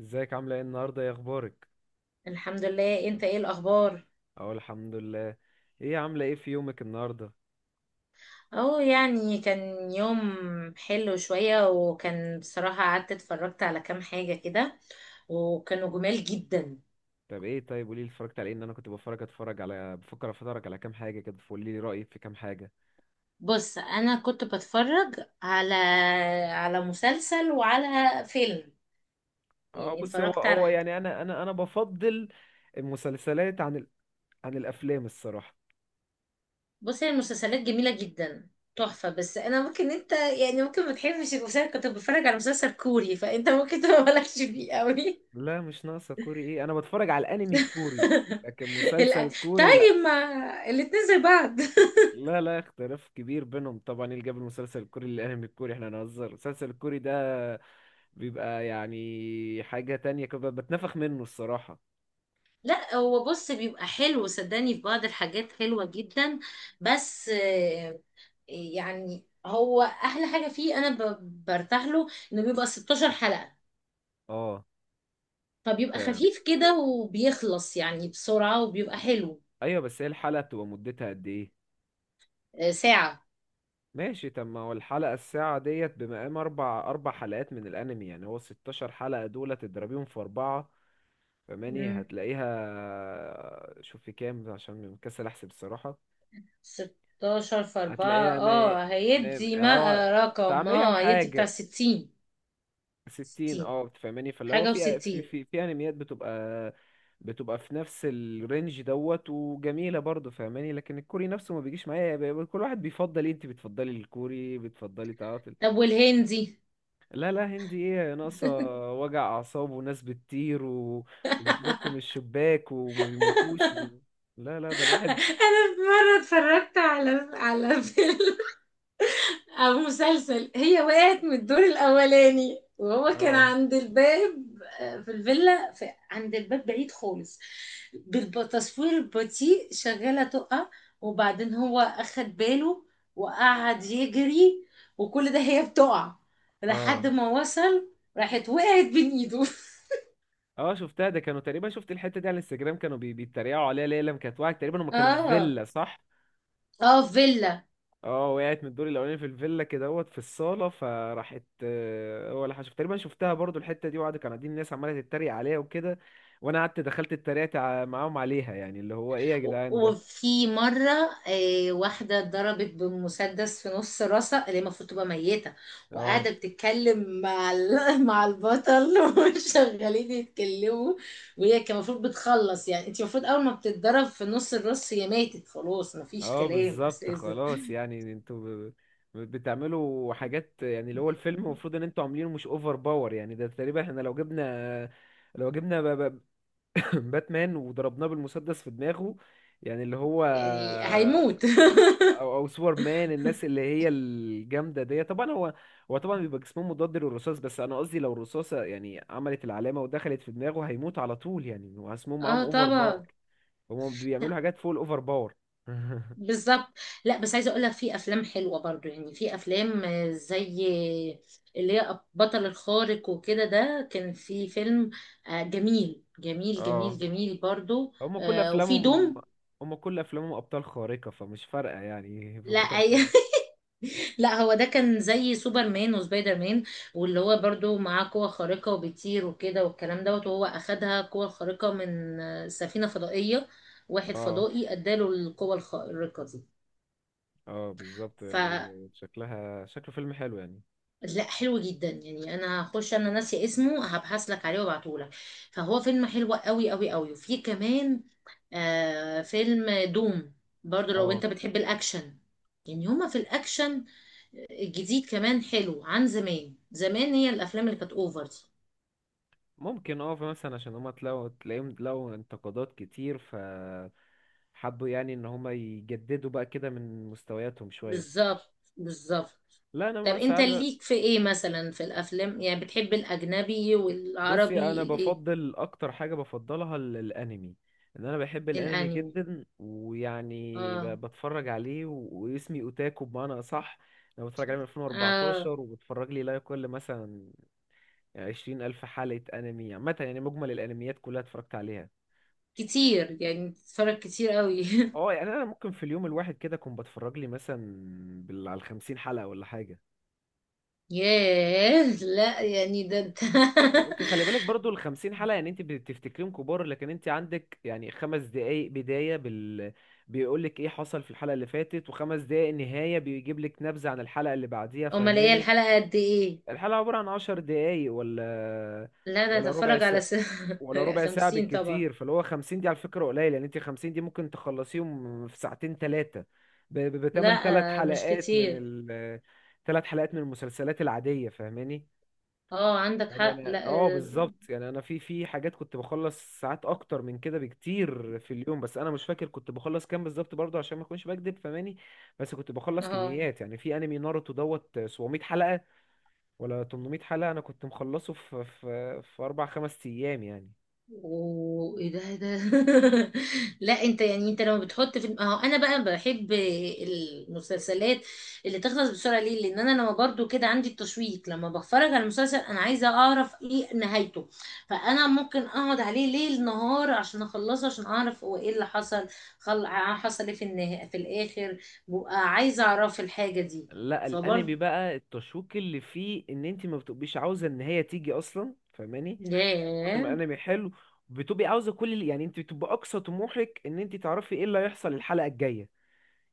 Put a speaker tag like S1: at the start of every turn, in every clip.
S1: ازيك عاملة ايه النهاردة يا اخبارك؟
S2: الحمد لله. انت ايه الاخبار؟
S1: اقول الحمد لله. ايه عاملة ايه في يومك النهاردة؟
S2: اهو يعني كان يوم حلو شوية، وكان بصراحة قعدت اتفرجت على كام حاجة كده وكانوا جمال جدا.
S1: طب ايه طيب قوليلي اتفرجت على ايه، ان انا كنت بفرج اتفرج على بفكر اتفرج على كام حاجة كده، فقوليلي رأيك في كام حاجة.
S2: بص انا كنت بتفرج على مسلسل وعلى فيلم،
S1: اه
S2: يعني
S1: بصي، هو
S2: اتفرجت على
S1: هو
S2: حاجة.
S1: يعني انا بفضل المسلسلات عن عن الافلام الصراحة.
S2: بص هي المسلسلات جميلة جدا، تحفة، بس انا ممكن انت يعني ممكن ما تحبش المسلسل. كنت بتفرج على مسلسل كوري فانت ممكن تبقى مالكش فيه قوي.
S1: لا مش ناقصة كوري، ايه، انا بتفرج على الانمي الكوري لكن
S2: لا،
S1: مسلسل كوري لا.
S2: طيب ما الاتنين زي بعض.
S1: لا، اختلاف كبير بينهم طبعا. ايه اللي جاب المسلسل الكوري للانمي الكوري؟ احنا نهزر، المسلسل الكوري ده بيبقى يعني حاجة تانية كده، بتنفخ منه الصراحة.
S2: لا هو بص بيبقى حلو، صدقني في بعض الحاجات حلوة جدا، بس يعني هو أحلى حاجة فيه أنا برتاح له، إنه بيبقى 16 حلقة،
S1: اه
S2: فبيبقى
S1: فاهم.
S2: خفيف كده وبيخلص يعني بسرعة وبيبقى حلو.
S1: ايوه بس هي الحلقة بتبقى مدتها قد ايه؟
S2: ساعة.
S1: ماشي، طب ما هو الحلقة الساعة ديت بمقام اربع حلقات من الانمي، يعني هو 16 حلقة دول تضربيهم في اربعة، فماني
S2: مم.
S1: هتلاقيها، شوف في كام عشان مكسل احسب الصراحة.
S2: 16 في 4.
S1: هتلاقيها مي...
S2: اه
S1: مي...
S2: هيدي ما
S1: اه بتاع
S2: رقم.
S1: 100
S2: اه هيدي بتاع
S1: وحاجة
S2: 60.
S1: ستين،
S2: 60
S1: اه بتفهماني؟ فاللي هو
S2: حاجة و60.
S1: في انميات بتبقى، بتبقى في نفس الرينج دوت وجميلة برضه، فاهماني؟ لكن الكوري نفسه ما بيجيش معايا. كل واحد بيفضل ايه، انت بتفضلي الكوري، بتفضلي تعاطل.
S2: طب والهندي؟
S1: لا، هندي ايه ناقصة، وجع اعصاب وناس بتطير وبتنط من الشباك وما بيموتوش لا لا، ده الواحد.
S2: انا في مره اتفرجت على فيلم او مسلسل، هي وقعت من الدور الاولاني وهو كان
S1: اه.
S2: عند الباب. في الفيلا، في عند الباب بعيد خالص. بالتصوير البطيء شغاله تقع، وبعدين هو اخد باله وقعد يجري، وكل ده هي بتقع لحد
S1: اه
S2: ما وصل، راحت وقعت بين ايده.
S1: اه شفتها، ده كانوا تقريبا، شفت الحتة دي على الانستجرام كانوا بيتريقوا عليها ليه لما كانت واحد، تقريبا هم كانوا في
S2: اه،
S1: فيلا، صح؟
S2: اه فيلا.
S1: اه وقعت من الدور الاولاني في الفيلا كده، اهوت في الصاله فراحت، آه، هو اللي حشف، تقريبا شفتها برضو الحته دي، وقعدوا، كانوا قاعدين، الناس عماله تتريق عليها وكده، وانا قعدت دخلت اتريقت معاهم عليها، يعني اللي هو ايه يا جدعان ده.
S2: وفي مرة واحدة اتضربت بمسدس في نص راسها، اللي هي المفروض تبقى ميتة،
S1: اه.
S2: وقاعدة بتتكلم مع مع البطل وشغالين يتكلموا. وهي كان المفروض بتخلص، يعني انت المفروض اول ما بتتضرب في نص الراس هي ماتت خلاص، مفيش
S1: اه
S2: كلام
S1: بالظبط
S2: اساسا.
S1: خلاص، يعني انتوا بتعملوا حاجات، يعني اللي هو الفيلم المفروض ان انتوا عاملينه مش اوفر باور، يعني ده تقريبا احنا لو جبنا، لو جبنا باتمان وضربناه بالمسدس في دماغه، يعني اللي هو،
S2: يعني هيموت.
S1: او او سوبر مان، الناس اللي هي الجامده دي طبعا، هو طبعا بيبقى جسمه مضاد للرصاص، بس انا قصدي لو الرصاصه يعني عملت العلامه ودخلت في دماغه هيموت على طول، يعني واسمهم معاهم
S2: اه
S1: اوفر باور،
S2: طبعا،
S1: هم بيعملوا حاجات فوق الاوفر باور.
S2: بالظبط. لا بس عايزه اقول لك في افلام حلوه برضو، يعني في افلام زي اللي هي بطل الخارق وكده، ده كان في فيلم جميل جميل
S1: اه
S2: جميل جميل برضو.
S1: هم كل
S2: وفي
S1: افلامهم،
S2: دوم.
S1: هم كل افلامهم ابطال خارقه، فمش فارقه يعني في
S2: لا
S1: بطل خارق.
S2: أي... لا هو ده كان زي سوبرمان وسبايدر مان، واللي هو برضو معاه قوة خارقة وبيطير وكده والكلام دوت، وهو أخدها قوة خارقة من سفينة فضائية، واحد
S1: اه.
S2: فضائي اداله القوة الخارقة
S1: اه بالظبط
S2: دي.
S1: يعني، شكلها شكله فيلم حلو يعني.
S2: لا حلو جدا يعني. انا هخش، انا ناسي اسمه، هبحث لك عليه وابعتهولك. فهو فيلم حلو قوي قوي قوي. وفي كمان آه فيلم دوم، برضو لو
S1: اه
S2: انت بتحب الاكشن. يعني هما في الاكشن الجديد كمان حلو عن زمان. زمان هي الافلام اللي كانت اوفر دي.
S1: ممكن، اه مثلا عشان هما تلاقيهم لقوا انتقادات كتير، ف حبوا يعني ان هما يجددوا بقى كده من مستوياتهم شوية.
S2: بالظبط بالظبط.
S1: لا انا
S2: طب
S1: بقى
S2: انت
S1: ساعات.
S2: ليك في ايه مثلا في الافلام؟ يعني بتحب الاجنبي
S1: بصي انا
S2: والعربي الايه؟
S1: بفضل اكتر حاجة بفضلها الانمي، ان انا بحب الانمي
S2: الانمي؟
S1: جدا، ويعني
S2: اه.
S1: بتفرج عليه واسمي اوتاكو بمعنى اصح. انا بتفرج عليه من
S2: اه
S1: 2014، وبتفرج لي لا يقل مثلا 20 الف حلقة انمي عامة، يعني مجمل الانميات كلها اتفرجت عليها.
S2: كتير، يعني بتتفرج كتير قوي.
S1: اه يعني انا ممكن في اليوم الواحد كده اكون بتفرج لي مثلا بال على 50 حلقه ولا حاجه.
S2: ياه، لا يعني ده انت.
S1: هو انت خلي بالك برضو ال 50 حلقه، يعني انت بتفتكريهم كبار لكن انت عندك يعني خمس دقائق بدايه بال بيقول لك ايه حصل في الحلقه اللي فاتت، وخمس دقائق نهايه بيجيب لك نبذه عن الحلقه اللي بعديها،
S2: امال هي
S1: فهماني؟
S2: الحلقة قد ايه؟
S1: الحلقه عباره عن 10 دقائق، ولا
S2: لا ده
S1: ولا ربع
S2: اتفرج على
S1: ساعه،
S2: س...
S1: ولا ربع ساعة
S2: خمسين طبعا.
S1: بالكتير، فاللي هو 50 دي على فكرة قليل، يعني انت 50 دي ممكن تخلصيهم في ساعتين ثلاثة،
S2: لا
S1: بتمن ثلاث
S2: مش
S1: حلقات من
S2: كتير.
S1: ثلاث حلقات من المسلسلات العادية، فاهماني؟
S2: اه عندك
S1: يعني
S2: حق،
S1: انا
S2: لا
S1: اه
S2: اه.
S1: بالظبط، يعني انا في في حاجات كنت بخلص ساعات اكتر من كده بكتير في اليوم، بس انا مش فاكر كنت بخلص كام بالظبط برضه عشان ما اكونش بكدب فاهماني. بس كنت بخلص
S2: آه.
S1: كميات، يعني في انمي ناروتو دوت 700 حلقة ولا 800 حلقة انا كنت مخلصه في اربع خمس ايام يعني.
S2: اوه ايه ده، إيه ده؟ لا انت يعني انت لما بتحط في اهو، انا بقى بحب المسلسلات اللي تخلص بسرعه. ليه؟ لان انا لما برضو كده عندي التشويق، لما بتفرج على مسلسل انا عايزه اعرف ايه نهايته، فانا ممكن اقعد عليه ليل نهار عشان اخلصه، عشان اعرف هو ايه اللي حصل. حصل ايه في النهايه في الاخر. ببقى عايزه اعرف الحاجه دي.
S1: لا الانمي
S2: فبرضو
S1: بقى التشويق اللي فيه ان انت ما بتبقيش عاوزه ان هي تيجي اصلا فاهماني، من كتر
S2: ياه،
S1: ما الانمي حلو بتبقي عاوزه كل اللي، يعني انت بتبقى اقصى طموحك ان انت تعرفي ايه اللي هيحصل الحلقه الجايه.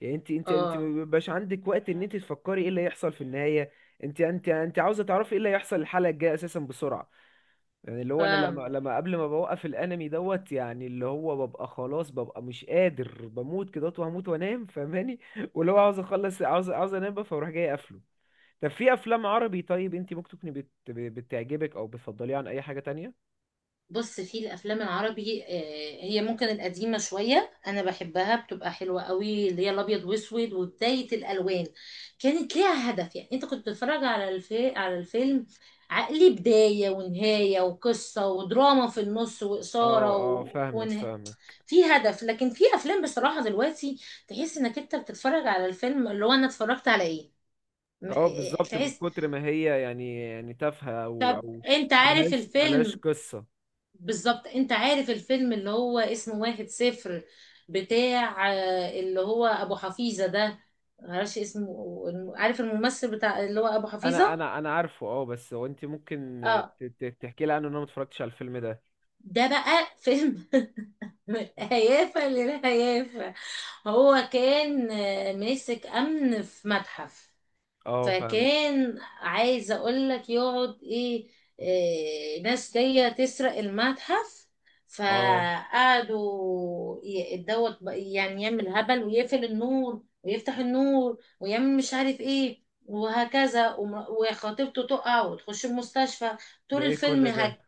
S1: يعني انت
S2: اه
S1: ما بيبقاش عندك وقت ان انت تفكري ايه اللي هيحصل في النهايه، انت عاوزه تعرفي ايه اللي هيحصل الحلقه الجايه اساسا بسرعه. يعني اللي هو انا لما
S2: فاهمة.
S1: لما قبل ما بوقف الانمي دوت، يعني اللي هو ببقى خلاص ببقى مش قادر بموت كده وهموت وانام فاهماني، واللي هو عاوز اخلص، عاوز انام بقى، فاروح جاي قافله. طب في افلام عربي، طيب انت ممكن تكوني بتعجبك او بتفضليها عن اي حاجة تانية؟
S2: بص في الافلام العربي، هي ممكن القديمه شويه انا بحبها، بتبقى حلوه قوي، اللي هي الابيض واسود وبدايه الالوان. كانت ليها هدف، يعني انت كنت بتتفرج على على الفيلم عقلي، بدايه ونهايه وقصه ودراما في النص
S1: اه.
S2: واثاره
S1: اه
S2: و...
S1: فاهمك
S2: ونه...
S1: فاهمك
S2: في هدف. لكن في افلام بصراحه دلوقتي تحس انك انت بتتفرج على الفيلم، اللي هو انا اتفرجت على ايه؟
S1: اه بالظبط، من
S2: تحس.
S1: كتر ما هي يعني يعني تافهة او
S2: انت عارف
S1: ملهاش
S2: الفيلم؟
S1: قصة.
S2: بالظبط، انت عارف الفيلم اللي هو اسمه واحد صفر، بتاع اللي هو ابو حفيظة ده، معرفش اسمه، عارف الممثل بتاع اللي هو ابو
S1: انا
S2: حفيظة؟
S1: انا انا عارفه اه، بس هو انت ممكن
S2: اه.
S1: تحكي لي عنه، ان انا ما اتفرجتش على الفيلم ده.
S2: ده بقى فيلم هيافة للهيافة. هو كان ماسك امن في متحف،
S1: اه فاهمك.
S2: فكان عايز اقول لك يقعد ايه، إيه ناس جايه تسرق المتحف.
S1: اه
S2: فقعدوا يعني يعمل هبل ويقفل النور ويفتح النور ويعمل مش عارف ايه وهكذا، وخطيبته تقع وتخش المستشفى.
S1: ده
S2: طول
S1: ايه
S2: الفيلم
S1: كل ده؟
S2: هك.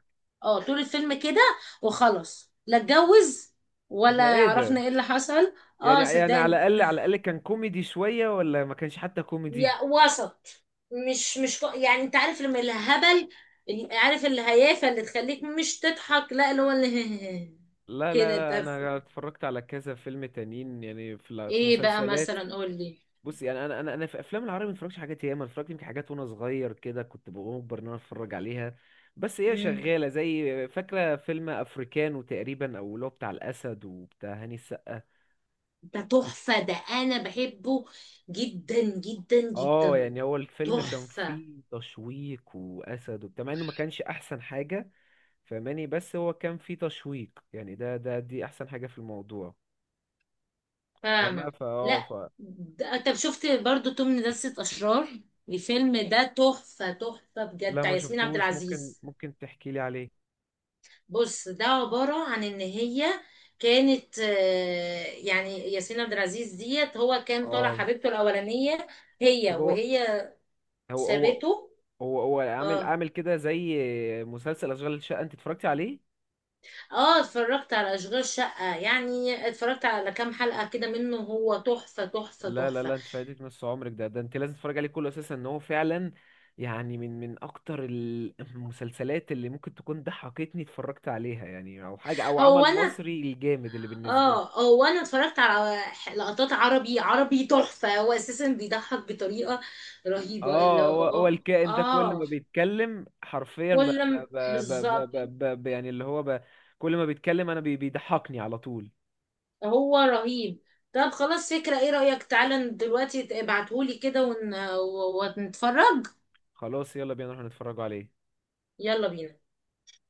S2: اه طول الفيلم كده، وخلاص لا اتجوز ولا
S1: ده ايه
S2: عرفنا
S1: ده،
S2: ايه اللي حصل.
S1: يعني
S2: اه
S1: يعني على
S2: صدقني،
S1: الاقل، على الاقل كان كوميدي شوية، ولا ما كانش حتى كوميدي؟
S2: يا وسط. مش يعني انت عارف لما الهبل، عارف الهيافه اللي تخليك مش تضحك، لا اللي هو اللي
S1: لا لا
S2: كده
S1: لا،
S2: تف.
S1: انا اتفرجت على كذا فيلم تانيين، يعني في في
S2: ايه بقى
S1: مسلسلات.
S2: مثلا، قول لي.
S1: بص يعني انا في افلام العربي ما اتفرجتش حاجات ياما، اتفرجت يمكن حاجات وانا صغير كده كنت بأجبر ان انا اتفرج عليها، بس هي
S2: مم.
S1: شغاله زي، فاكره فيلم افريكانو تقريبا، او اللي هو بتاع الاسد وبتاع هاني السقا.
S2: ده تحفه، ده انا بحبه جدا جدا
S1: اه
S2: جدا.
S1: يعني هو الفيلم كان
S2: تحفه،
S1: فيه تشويق واسد وبتاع، مع انه ما كانش احسن حاجه فاهماني، بس هو كان فيه تشويق، يعني ده دي احسن حاجه في الموضوع. فما
S2: فاهمه.
S1: فا اه ف
S2: لا ده طب شفت برضو توم لدسة اشرار؟ الفيلم ده تحفه تحفه بجد،
S1: لا
S2: بتاع
S1: ما
S2: ياسمين عبد
S1: شفتوش، ممكن،
S2: العزيز.
S1: ممكن تحكي لي عليه.
S2: بص ده عبارة عن ان هي كانت يعني ياسمين عبد العزيز ديت، هو كان طالع
S1: اه
S2: حبيبته الاولانية هي،
S1: طب هو،
S2: وهي
S1: هو هو
S2: سابته.
S1: هو عامل
S2: اه،
S1: عامل كده زي مسلسل اشغال الشقه، انت اتفرجتي عليه؟
S2: اه اتفرجت على اشغال شقة، يعني اتفرجت على كام حلقة كده منه، هو تحفة تحفة
S1: لا لا
S2: تحفة.
S1: لا، انت فايتك نص عمرك، ده انت لازم تتفرج عليه كله اساسا، ان هو فعلا يعني من من اكتر المسلسلات اللي ممكن تكون ضحكتني اتفرجت عليها، يعني او حاجه او
S2: هو
S1: عمل
S2: انا
S1: مصري الجامد اللي بالنسبه لي.
S2: اه هو انا اتفرجت على لقطات عربي عربي تحفة. هو اساسا بيضحك بطريقة رهيبة، اللي
S1: اه هو هو
S2: هو-
S1: الكائن ده كل ما
S2: اه
S1: بيتكلم حرفيا ب ب
S2: كل ما-
S1: ب ب
S2: بالظبط.
S1: ب ب ب يعني اللي هو ب، كل ما بيتكلم انا بيضحكني على طول.
S2: هو رهيب. طب خلاص فكرة، ايه رأيك تعالى دلوقتي ابعتهولي كده ون... ونتفرج.
S1: خلاص يلا بينا نروح نتفرجوا عليه.
S2: يلا بينا.